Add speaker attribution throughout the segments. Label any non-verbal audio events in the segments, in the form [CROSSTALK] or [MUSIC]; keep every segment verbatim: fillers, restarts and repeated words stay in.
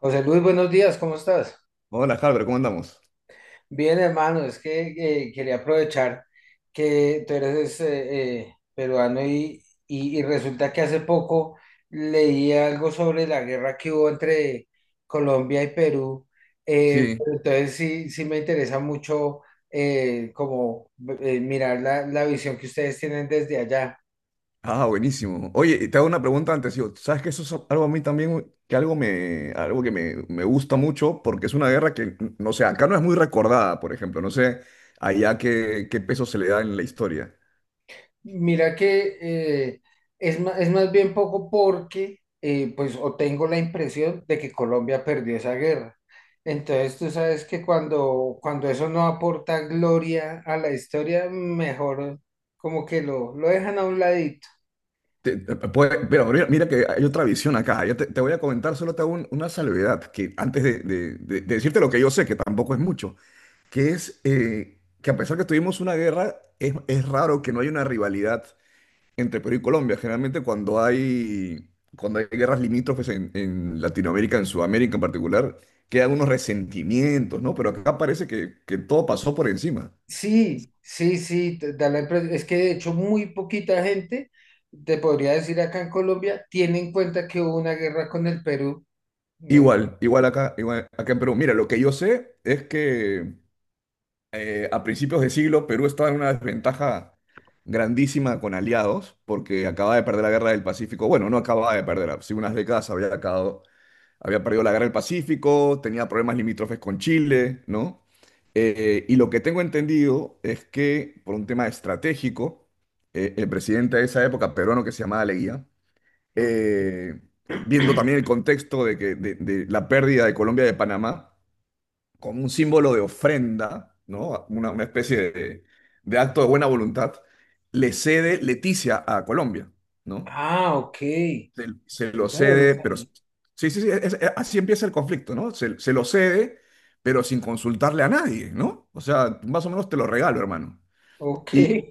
Speaker 1: José Luis, buenos días, ¿cómo estás?
Speaker 2: Hola, Halber, ¿cómo andamos?
Speaker 1: Bien, hermano, es que eh, quería aprovechar que tú eres eh, eh, peruano y, y- y resulta que hace poco leí algo sobre la guerra que hubo entre Colombia y Perú. eh,
Speaker 2: Sí.
Speaker 1: pero entonces sí, sí me interesa mucho eh, como eh, mirar la, la visión que ustedes tienen desde allá.
Speaker 2: Ah, buenísimo. Oye, y te hago una pregunta antes, yo. ¿Sabes que eso es algo a mí también, que algo me, algo que me, me gusta mucho? Porque es una guerra que, no sé, acá no es muy recordada. Por ejemplo, no sé allá qué, qué peso se le da en la historia.
Speaker 1: Mira que eh, es, ma- es más bien poco porque, eh, pues, o tengo la impresión de que Colombia perdió esa guerra. Entonces, tú sabes que cuando, cuando eso no aporta gloria a la historia, mejor como que lo, lo dejan a un ladito.
Speaker 2: Te- te- puede- pero mira, mira que hay otra visión acá. Yo te, te voy a comentar, solo te hago un- una salvedad, que antes de, de- de- de decirte lo que yo sé, que tampoco es mucho, que es eh, que a pesar que tuvimos una guerra, es, es raro que no haya una rivalidad entre Perú y Colombia. Generalmente cuando hay, cuando hay guerras limítrofes en, en Latinoamérica, en Sudamérica en particular, quedan unos resentimientos, ¿no? Pero acá parece que, que todo pasó por encima.
Speaker 1: Sí, sí, sí, te da la impresión. Es que de hecho muy poquita gente, te podría decir acá en Colombia, tiene en cuenta que hubo una guerra con el Perú. Eh,
Speaker 2: Igual, igual acá, igual acá en Perú. Mira, lo que yo sé es que eh, a principios de siglo Perú estaba en una desventaja grandísima con aliados, porque acababa de perder la guerra del Pacífico. Bueno, no acababa de perder, hace unas décadas había acabado, había perdido la guerra del Pacífico, tenía problemas limítrofes con Chile, ¿no? Eh, y lo que tengo entendido es que por un tema estratégico, eh, el presidente de esa época, peruano, que se llamaba Leguía, eh, viendo también el contexto de, que, de, de la pérdida de Colombia y de Panamá, como un símbolo de ofrenda, ¿no? Una, una especie de, de acto de buena voluntad, le cede Leticia a Colombia, ¿no?
Speaker 1: Ah, ok.
Speaker 2: se, se lo
Speaker 1: Eso no lo
Speaker 2: cede. Pero
Speaker 1: sabía.
Speaker 2: sí, sí, sí, es- es- así empieza el conflicto, ¿no? Se, se lo cede, pero sin consultarle a nadie, ¿no? O sea, más o menos te lo regalo, hermano.
Speaker 1: Ok.
Speaker 2: Y,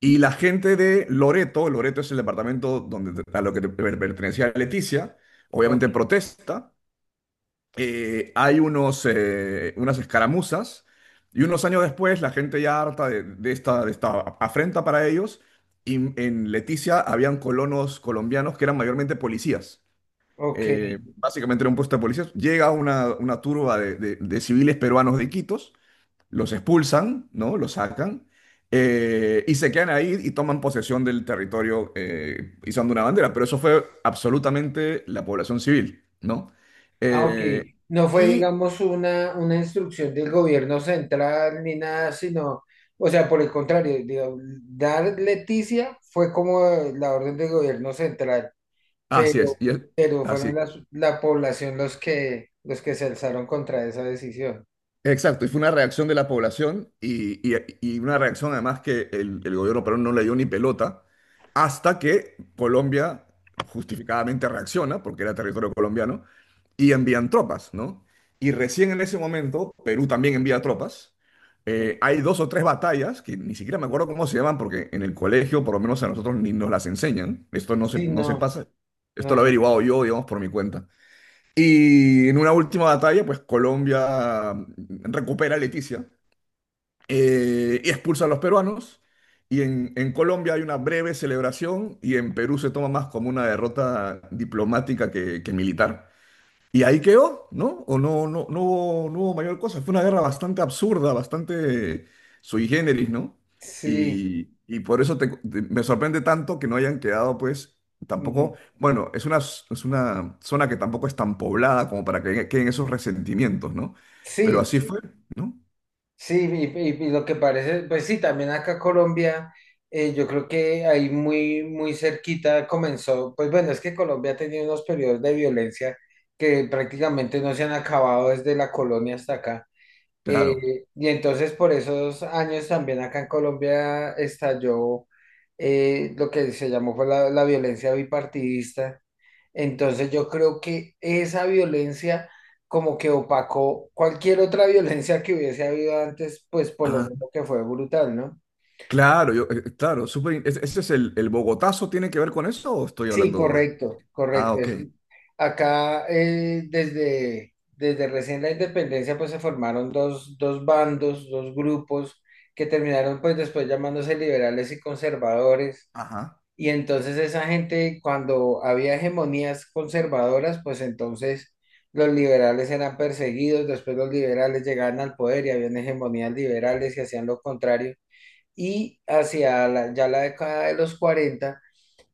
Speaker 2: y la gente de Loreto, Loreto es el departamento donde, a lo que te- per- pertenecía Leticia,
Speaker 1: Ok,
Speaker 2: obviamente protesta. Eh, hay unos, eh, unas escaramuzas, y unos años después la gente, ya harta de, de esta, de esta afrenta para ellos, y en Leticia habían colonos colombianos que eran mayormente policías.
Speaker 1: ok.
Speaker 2: Eh, básicamente era un puesto de policías. Llega una, una turba de, de- de civiles peruanos de Iquitos, los expulsan, ¿no? Los sacan, eh, y se quedan ahí y toman posesión del territorio, eh, izando una bandera. Pero eso fue absolutamente la población civil, ¿no?
Speaker 1: Ah, ok.
Speaker 2: Eh,
Speaker 1: No fue,
Speaker 2: y
Speaker 1: digamos, una, una instrucción del gobierno central ni nada, sino, o sea, por el contrario, digo, dar Leticia fue como la orden del gobierno central,
Speaker 2: así
Speaker 1: pero,
Speaker 2: es, y es-
Speaker 1: pero fueron
Speaker 2: así
Speaker 1: las, la población los que, los que se alzaron contra esa decisión.
Speaker 2: Exacto, y fue una reacción de la población y, y- y una reacción, además, que el, el gobierno peruano no le dio ni pelota, hasta que Colombia justificadamente reacciona, porque era territorio colombiano, y envían tropas, ¿no? Y recién en ese momento Perú también envía tropas. Eh, hay dos o tres batallas que ni siquiera me acuerdo cómo se llaman, porque en el colegio, por lo menos a nosotros, ni nos las enseñan. Esto no se,
Speaker 1: Sí,
Speaker 2: no se
Speaker 1: no,
Speaker 2: pasa. Esto
Speaker 1: no,
Speaker 2: lo he
Speaker 1: no.
Speaker 2: averiguado yo, digamos, por mi cuenta. Y en una última batalla, pues Colombia mm, recupera a Leticia, eh, y expulsa a los peruanos. Y en, en Colombia hay una breve celebración, y en Perú se toma más como una derrota diplomática que, que militar. Y ahí quedó, ¿no? O no, no, no hubo, no hubo mayor cosa. Fue una guerra bastante absurda, bastante sui generis, ¿no?
Speaker 1: Sí,
Speaker 2: Y, y por eso te- te- me sorprende tanto que no hayan quedado, pues,
Speaker 1: mm,
Speaker 2: tampoco, bueno, es una, es una zona que tampoco es tan poblada como para que queden esos resentimientos, ¿no? Pero
Speaker 1: sí.
Speaker 2: así fue, ¿no?
Speaker 1: Sí, y, y- y lo que parece, pues sí, también acá Colombia, eh, yo creo que ahí muy, muy cerquita comenzó, pues bueno, es que Colombia ha tenido unos periodos de violencia que prácticamente no se han acabado desde la colonia hasta acá.
Speaker 2: Claro.
Speaker 1: Eh, y entonces por esos años también acá en Colombia estalló eh, lo que se llamó fue la, la violencia bipartidista, entonces yo creo que esa violencia como que opacó cualquier otra [LAUGHS] violencia que hubiese habido antes, pues por lo
Speaker 2: Ah,
Speaker 1: menos que fue brutal, ¿no?
Speaker 2: claro, yo, eh, claro, súper in- ese, ese es el, el Bogotazo. ¿Tiene que ver con eso o estoy
Speaker 1: Sí,
Speaker 2: hablando?
Speaker 1: correcto,
Speaker 2: Ah,
Speaker 1: correcto.
Speaker 2: ok.
Speaker 1: Es- acá eh, desde, desde recién la independencia pues se formaron dos, dos bandos, dos grupos que terminaron pues después llamándose liberales y conservadores.
Speaker 2: Ajá.
Speaker 1: Y entonces esa gente, cuando había hegemonías conservadoras, pues entonces los liberales eran perseguidos, después los liberales llegaban al poder y habían hegemonías liberales y hacían lo contrario. Y hacia la- ya la década de los cuarenta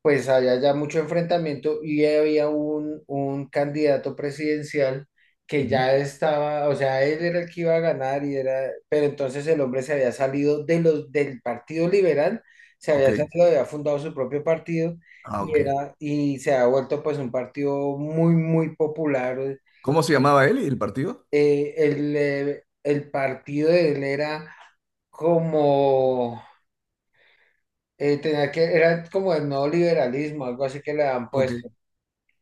Speaker 1: pues había ya mucho enfrentamiento y había un, un candidato presidencial que
Speaker 2: Ujú.
Speaker 1: ya estaba, o sea, él era el que iba a ganar y era, pero entonces el hombre se había salido de los, del Partido Liberal, se
Speaker 2: Ok.
Speaker 1: había salido, había fundado su propio partido
Speaker 2: Ah,
Speaker 1: y
Speaker 2: ok.
Speaker 1: era, y se ha vuelto pues un partido muy, muy popular.
Speaker 2: ¿Cómo se llamaba él y el partido?
Speaker 1: Eh, el, eh, el partido de él era como, eh, tenía que, era como el neoliberalismo, algo así que le han
Speaker 2: Ok.
Speaker 1: puesto.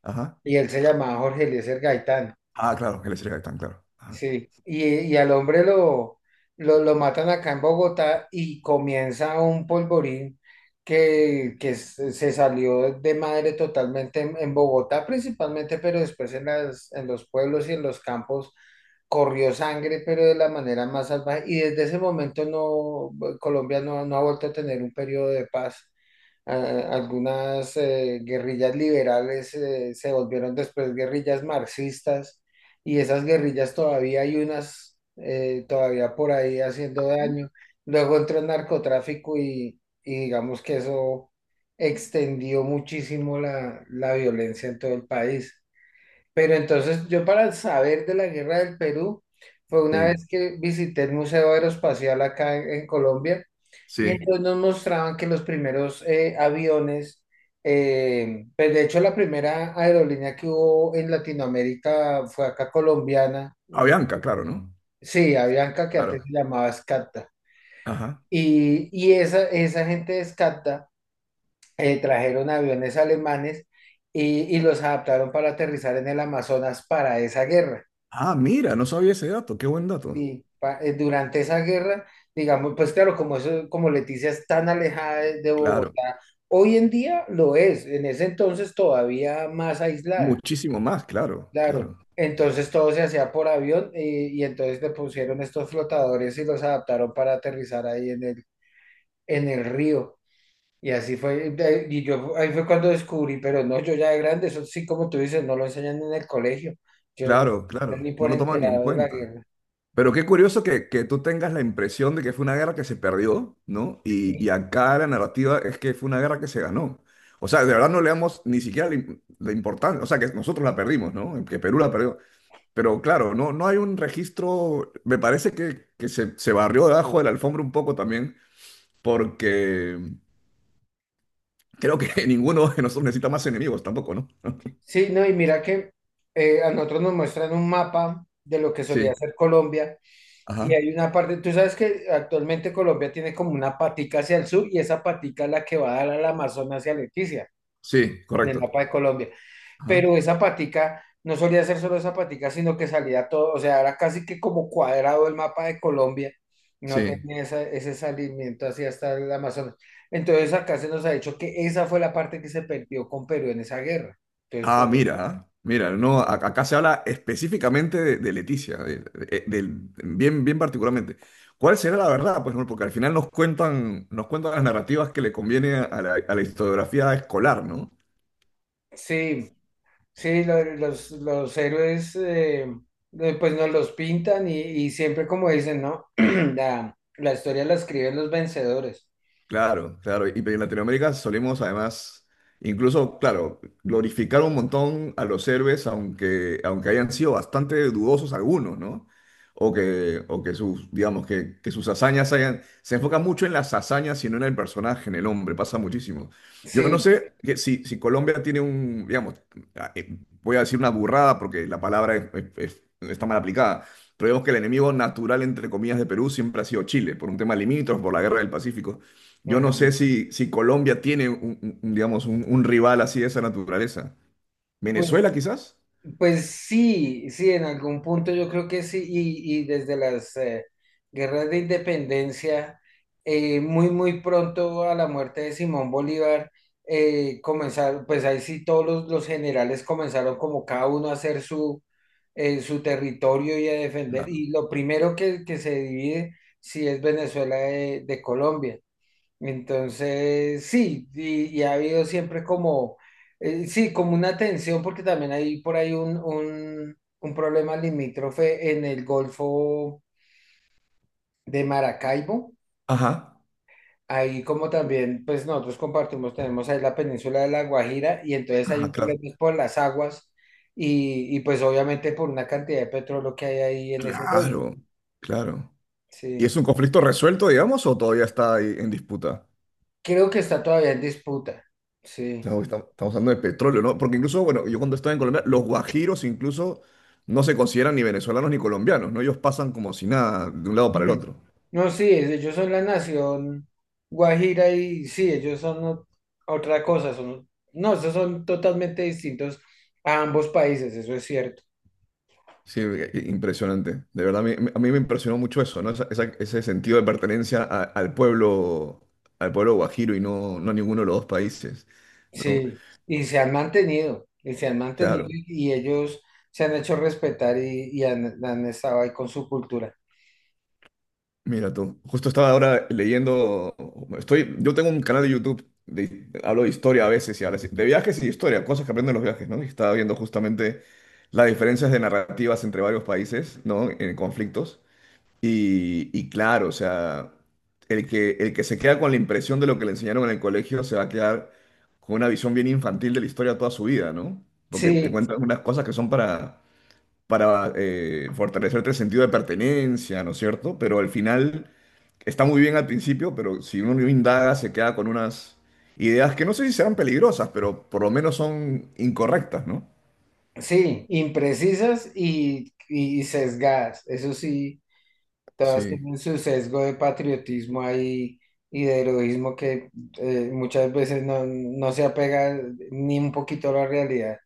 Speaker 2: Ajá.
Speaker 1: Y él se llamaba Jorge Eliezer Gaitán,
Speaker 2: Ah, claro, el Estrella Gaitán, claro. Ajá.
Speaker 1: sí. Y, y al hombre lo, lo, lo matan acá en Bogotá y comienza un polvorín que, que se se salió de madre totalmente en, en Bogotá principalmente, pero después en las, en los pueblos y en los campos corrió sangre, pero de la manera más salvaje. Y desde ese momento no, Colombia no, no ha vuelto a tener un periodo de paz. A- algunas eh, guerrillas liberales eh, se volvieron después guerrillas marxistas y esas guerrillas todavía hay unas eh, todavía por ahí haciendo daño. Luego entró el narcotráfico y, y digamos que eso extendió muchísimo la, la violencia en todo el país. Pero entonces yo para saber de la guerra del Perú fue una
Speaker 2: Sí,
Speaker 1: vez que visité el Museo Aeroespacial acá en en Colombia y
Speaker 2: sí.
Speaker 1: entonces nos mostraban que los primeros eh, aviones, eh, pues de hecho la primera aerolínea que hubo en Latinoamérica fue acá colombiana,
Speaker 2: ¿A
Speaker 1: una-
Speaker 2: Bianca, claro, no?
Speaker 1: sí, Avianca, que antes se
Speaker 2: Claro.
Speaker 1: llamaba Scatta.
Speaker 2: Ajá.
Speaker 1: Y, y esa, esa gente de Scatta eh, trajeron aviones alemanes y, y los adaptaron para aterrizar en el Amazonas para esa guerra.
Speaker 2: Ah, mira, no sabía ese dato, qué buen dato.
Speaker 1: Y pa- eh, durante esa guerra, digamos, pues claro, como eso, como Leticia es tan alejada de, de
Speaker 2: Claro.
Speaker 1: Bogotá, hoy en día lo es, en ese entonces todavía más aislada,
Speaker 2: Muchísimo más, claro,
Speaker 1: claro.
Speaker 2: claro.
Speaker 1: Entonces todo se hacía por avión, eh, y entonces le pusieron estos flotadores y los adaptaron para aterrizar ahí en el, en el río. Y así fue, de- y yo ahí fue cuando descubrí, pero no, yo ya de grande, eso sí, como tú dices, no lo enseñan en el colegio. Yo, no-
Speaker 2: Claro,
Speaker 1: yo ni
Speaker 2: claro. No
Speaker 1: por
Speaker 2: lo toman ni en
Speaker 1: enterado de la
Speaker 2: cuenta.
Speaker 1: guerra.
Speaker 2: Pero qué curioso que, que tú tengas la impresión de que fue una guerra que se perdió, ¿no? Y, y acá la narrativa es que fue una guerra que se ganó. O sea, de verdad no le damos ni siquiera la, im- la importancia. O sea, que nosotros la perdimos, ¿no? Que Perú la perdió. Pero claro, no, no hay un registro, me parece que, que se, se barrió debajo de la alfombra un poco también, porque mm, creo que [LAUGHS] ninguno de nosotros necesita más enemigos tampoco, ¿no? [LAUGHS]
Speaker 1: Sí, no, y mira que eh, a nosotros nos muestran un mapa de lo que solía
Speaker 2: Sí,
Speaker 1: ser Colombia y
Speaker 2: ajá,
Speaker 1: hay una parte, tú sabes que actualmente Colombia tiene como una patica hacia el sur y esa patica es la que va a dar al Amazonas hacia Leticia
Speaker 2: sí,
Speaker 1: en el
Speaker 2: correcto,
Speaker 1: mapa de Colombia,
Speaker 2: ajá,
Speaker 1: pero esa patica no solía ser solo esa patica, sino que salía todo, o sea, era casi que como cuadrado el mapa de Colombia, no
Speaker 2: sí.
Speaker 1: tenía esa- ese salimiento hacia hasta el Amazonas. Entonces acá se nos ha dicho que esa fue la parte que se perdió con Perú en esa guerra. Entonces,
Speaker 2: Ah,
Speaker 1: por
Speaker 2: mira, ah, mira, no, a- acá se habla específicamente de, de Leticia, de- de- del- bien, bien particularmente. ¿Cuál será la verdad? Pues no, porque al final nos cuentan, nos cuentan las narrativas que le conviene a la, a la historiografía escolar, ¿no?
Speaker 1: sí, sí, lo- los, los héroes eh, eh, pues nos los pintan y, y siempre como dicen, ¿no? [CLEARS THROAT] La, la historia la escriben los vencedores.
Speaker 2: Claro, claro. Y pero en Latinoamérica solemos además, incluso, claro, glorificar un montón a los héroes, aunque, aunque hayan sido bastante dudosos algunos, ¿no? O que, o que sus, digamos, que, que sus hazañas hayan... Se enfoca mucho en las hazañas y no en el personaje, en el hombre, pasa muchísimo. Yo no
Speaker 1: Sí,
Speaker 2: sé que si, si Colombia tiene un, digamos, ah, eh, voy a decir una burrada porque la palabra es- es- es- está mal aplicada, pero digamos que el enemigo natural, entre comillas, de Perú siempre ha sido Chile, por un tema limítrofe, por la guerra del Pacífico. Yo no sé
Speaker 1: ajá.
Speaker 2: si, si Colombia tiene un, un- un, digamos, un, un rival así de esa naturaleza. ¿Venezuela
Speaker 1: Pues
Speaker 2: quizás?
Speaker 1: pues sí, sí, en algún punto yo creo que sí, y, y desde las eh, guerras de independencia, eh, muy, muy pronto a la muerte de Simón Bolívar, eh, comenzaron, pues ahí sí todos los, los generales comenzaron como cada uno a hacer su, eh, su territorio y a defender,
Speaker 2: Claro.
Speaker 1: y lo primero que, que se divide sí es Venezuela de de Colombia. Entonces, sí, y, y ha habido siempre como, eh, sí, como una tensión, porque también hay por ahí un, un, un problema limítrofe en el Golfo de Maracaibo.
Speaker 2: Ajá.
Speaker 1: Ahí como también, pues nosotros compartimos, tenemos ahí la península de La Guajira y entonces hay
Speaker 2: Ah,
Speaker 1: un
Speaker 2: claro.
Speaker 1: problema pues, por las aguas y, y pues obviamente por una cantidad de petróleo que hay ahí en ese golfo.
Speaker 2: Claro, claro. ¿Y
Speaker 1: Sí,
Speaker 2: es un conflicto resuelto, digamos, o todavía está ahí en disputa?
Speaker 1: creo que está todavía en disputa. Sí.
Speaker 2: Estamos, estamos- estamos hablando de petróleo, ¿no? Porque incluso, bueno, yo cuando estaba en Colombia, los guajiros incluso no se consideran ni venezolanos ni colombianos, ¿no? Ellos pasan como si nada de un lado para el
Speaker 1: Ujú.
Speaker 2: otro.
Speaker 1: No, sí, ellos son la nación Guajira y sí, ellos son o- otra cosa, son, no, esos son totalmente distintos a ambos países, eso es cierto.
Speaker 2: Sí, eh, eh, impresionante. De verdad, a mí, a mí me impresionó mucho eso, ¿no? Esa- esa- ese sentido de pertenencia a- al pueblo, al pueblo guajiro y no, no a ninguno de los dos países, ¿no?
Speaker 1: Sí, y se han mantenido, y se han mantenido
Speaker 2: Claro.
Speaker 1: y ellos se han hecho respetar y, y han, han estado ahí con su cultura.
Speaker 2: Mira tú, justo estaba ahora leyendo, estoy, yo tengo un canal de YouTube, de- hablo de historia a veces y ahora sí, de viajes y de historia, cosas que aprenden los viajes, ¿no? Y estaba viendo justamente las diferencias de narrativas entre varios países, ¿no? En conflictos. Y, y claro, o sea, el que, el que se queda con la impresión de lo que le enseñaron en el colegio se va a quedar con una visión bien infantil de la historia toda su vida, ¿no? Porque te
Speaker 1: Sí,
Speaker 2: cuentan unas cosas que son para, para eh, fortalecerte el sentido de pertenencia, ¿no es cierto? Pero al final está muy bien al principio, pero si uno no indaga se queda con unas ideas que no sé si serán peligrosas, pero por lo menos son incorrectas, ¿no?
Speaker 1: sí, imprecisas y, y sesgadas, eso sí, todas
Speaker 2: Sí,
Speaker 1: tienen su sesgo de patriotismo ahí y de heroísmo que eh, muchas veces no, no se apega ni un poquito a la realidad.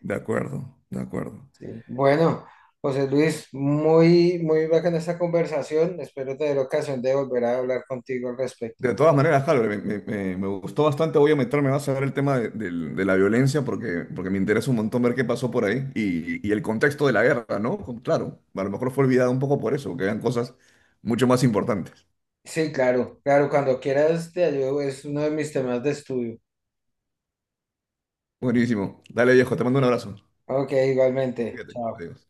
Speaker 2: de acuerdo, de acuerdo.
Speaker 1: Sí. Bueno, José Luis, muy, muy bacana esta conversación. Espero tener ocasión de volver a hablar contigo al
Speaker 2: De
Speaker 1: respecto.
Speaker 2: todas maneras, claro, me, me- me- me gustó bastante. Voy a meterme más a ver el tema de, del- de la violencia, porque, porque me interesa un montón ver qué pasó por ahí y, y el contexto de la guerra, ¿no? Con- Claro, a lo mejor fue olvidado un poco por eso, que eran cosas mucho más importantes.
Speaker 1: Sí, claro, claro, cuando quieras te ayudo, es uno de mis temas de estudio.
Speaker 2: Buenísimo. Dale, viejo, te mando un abrazo.
Speaker 1: Ok, igualmente.
Speaker 2: Cuídate.
Speaker 1: Chao.
Speaker 2: Adiós.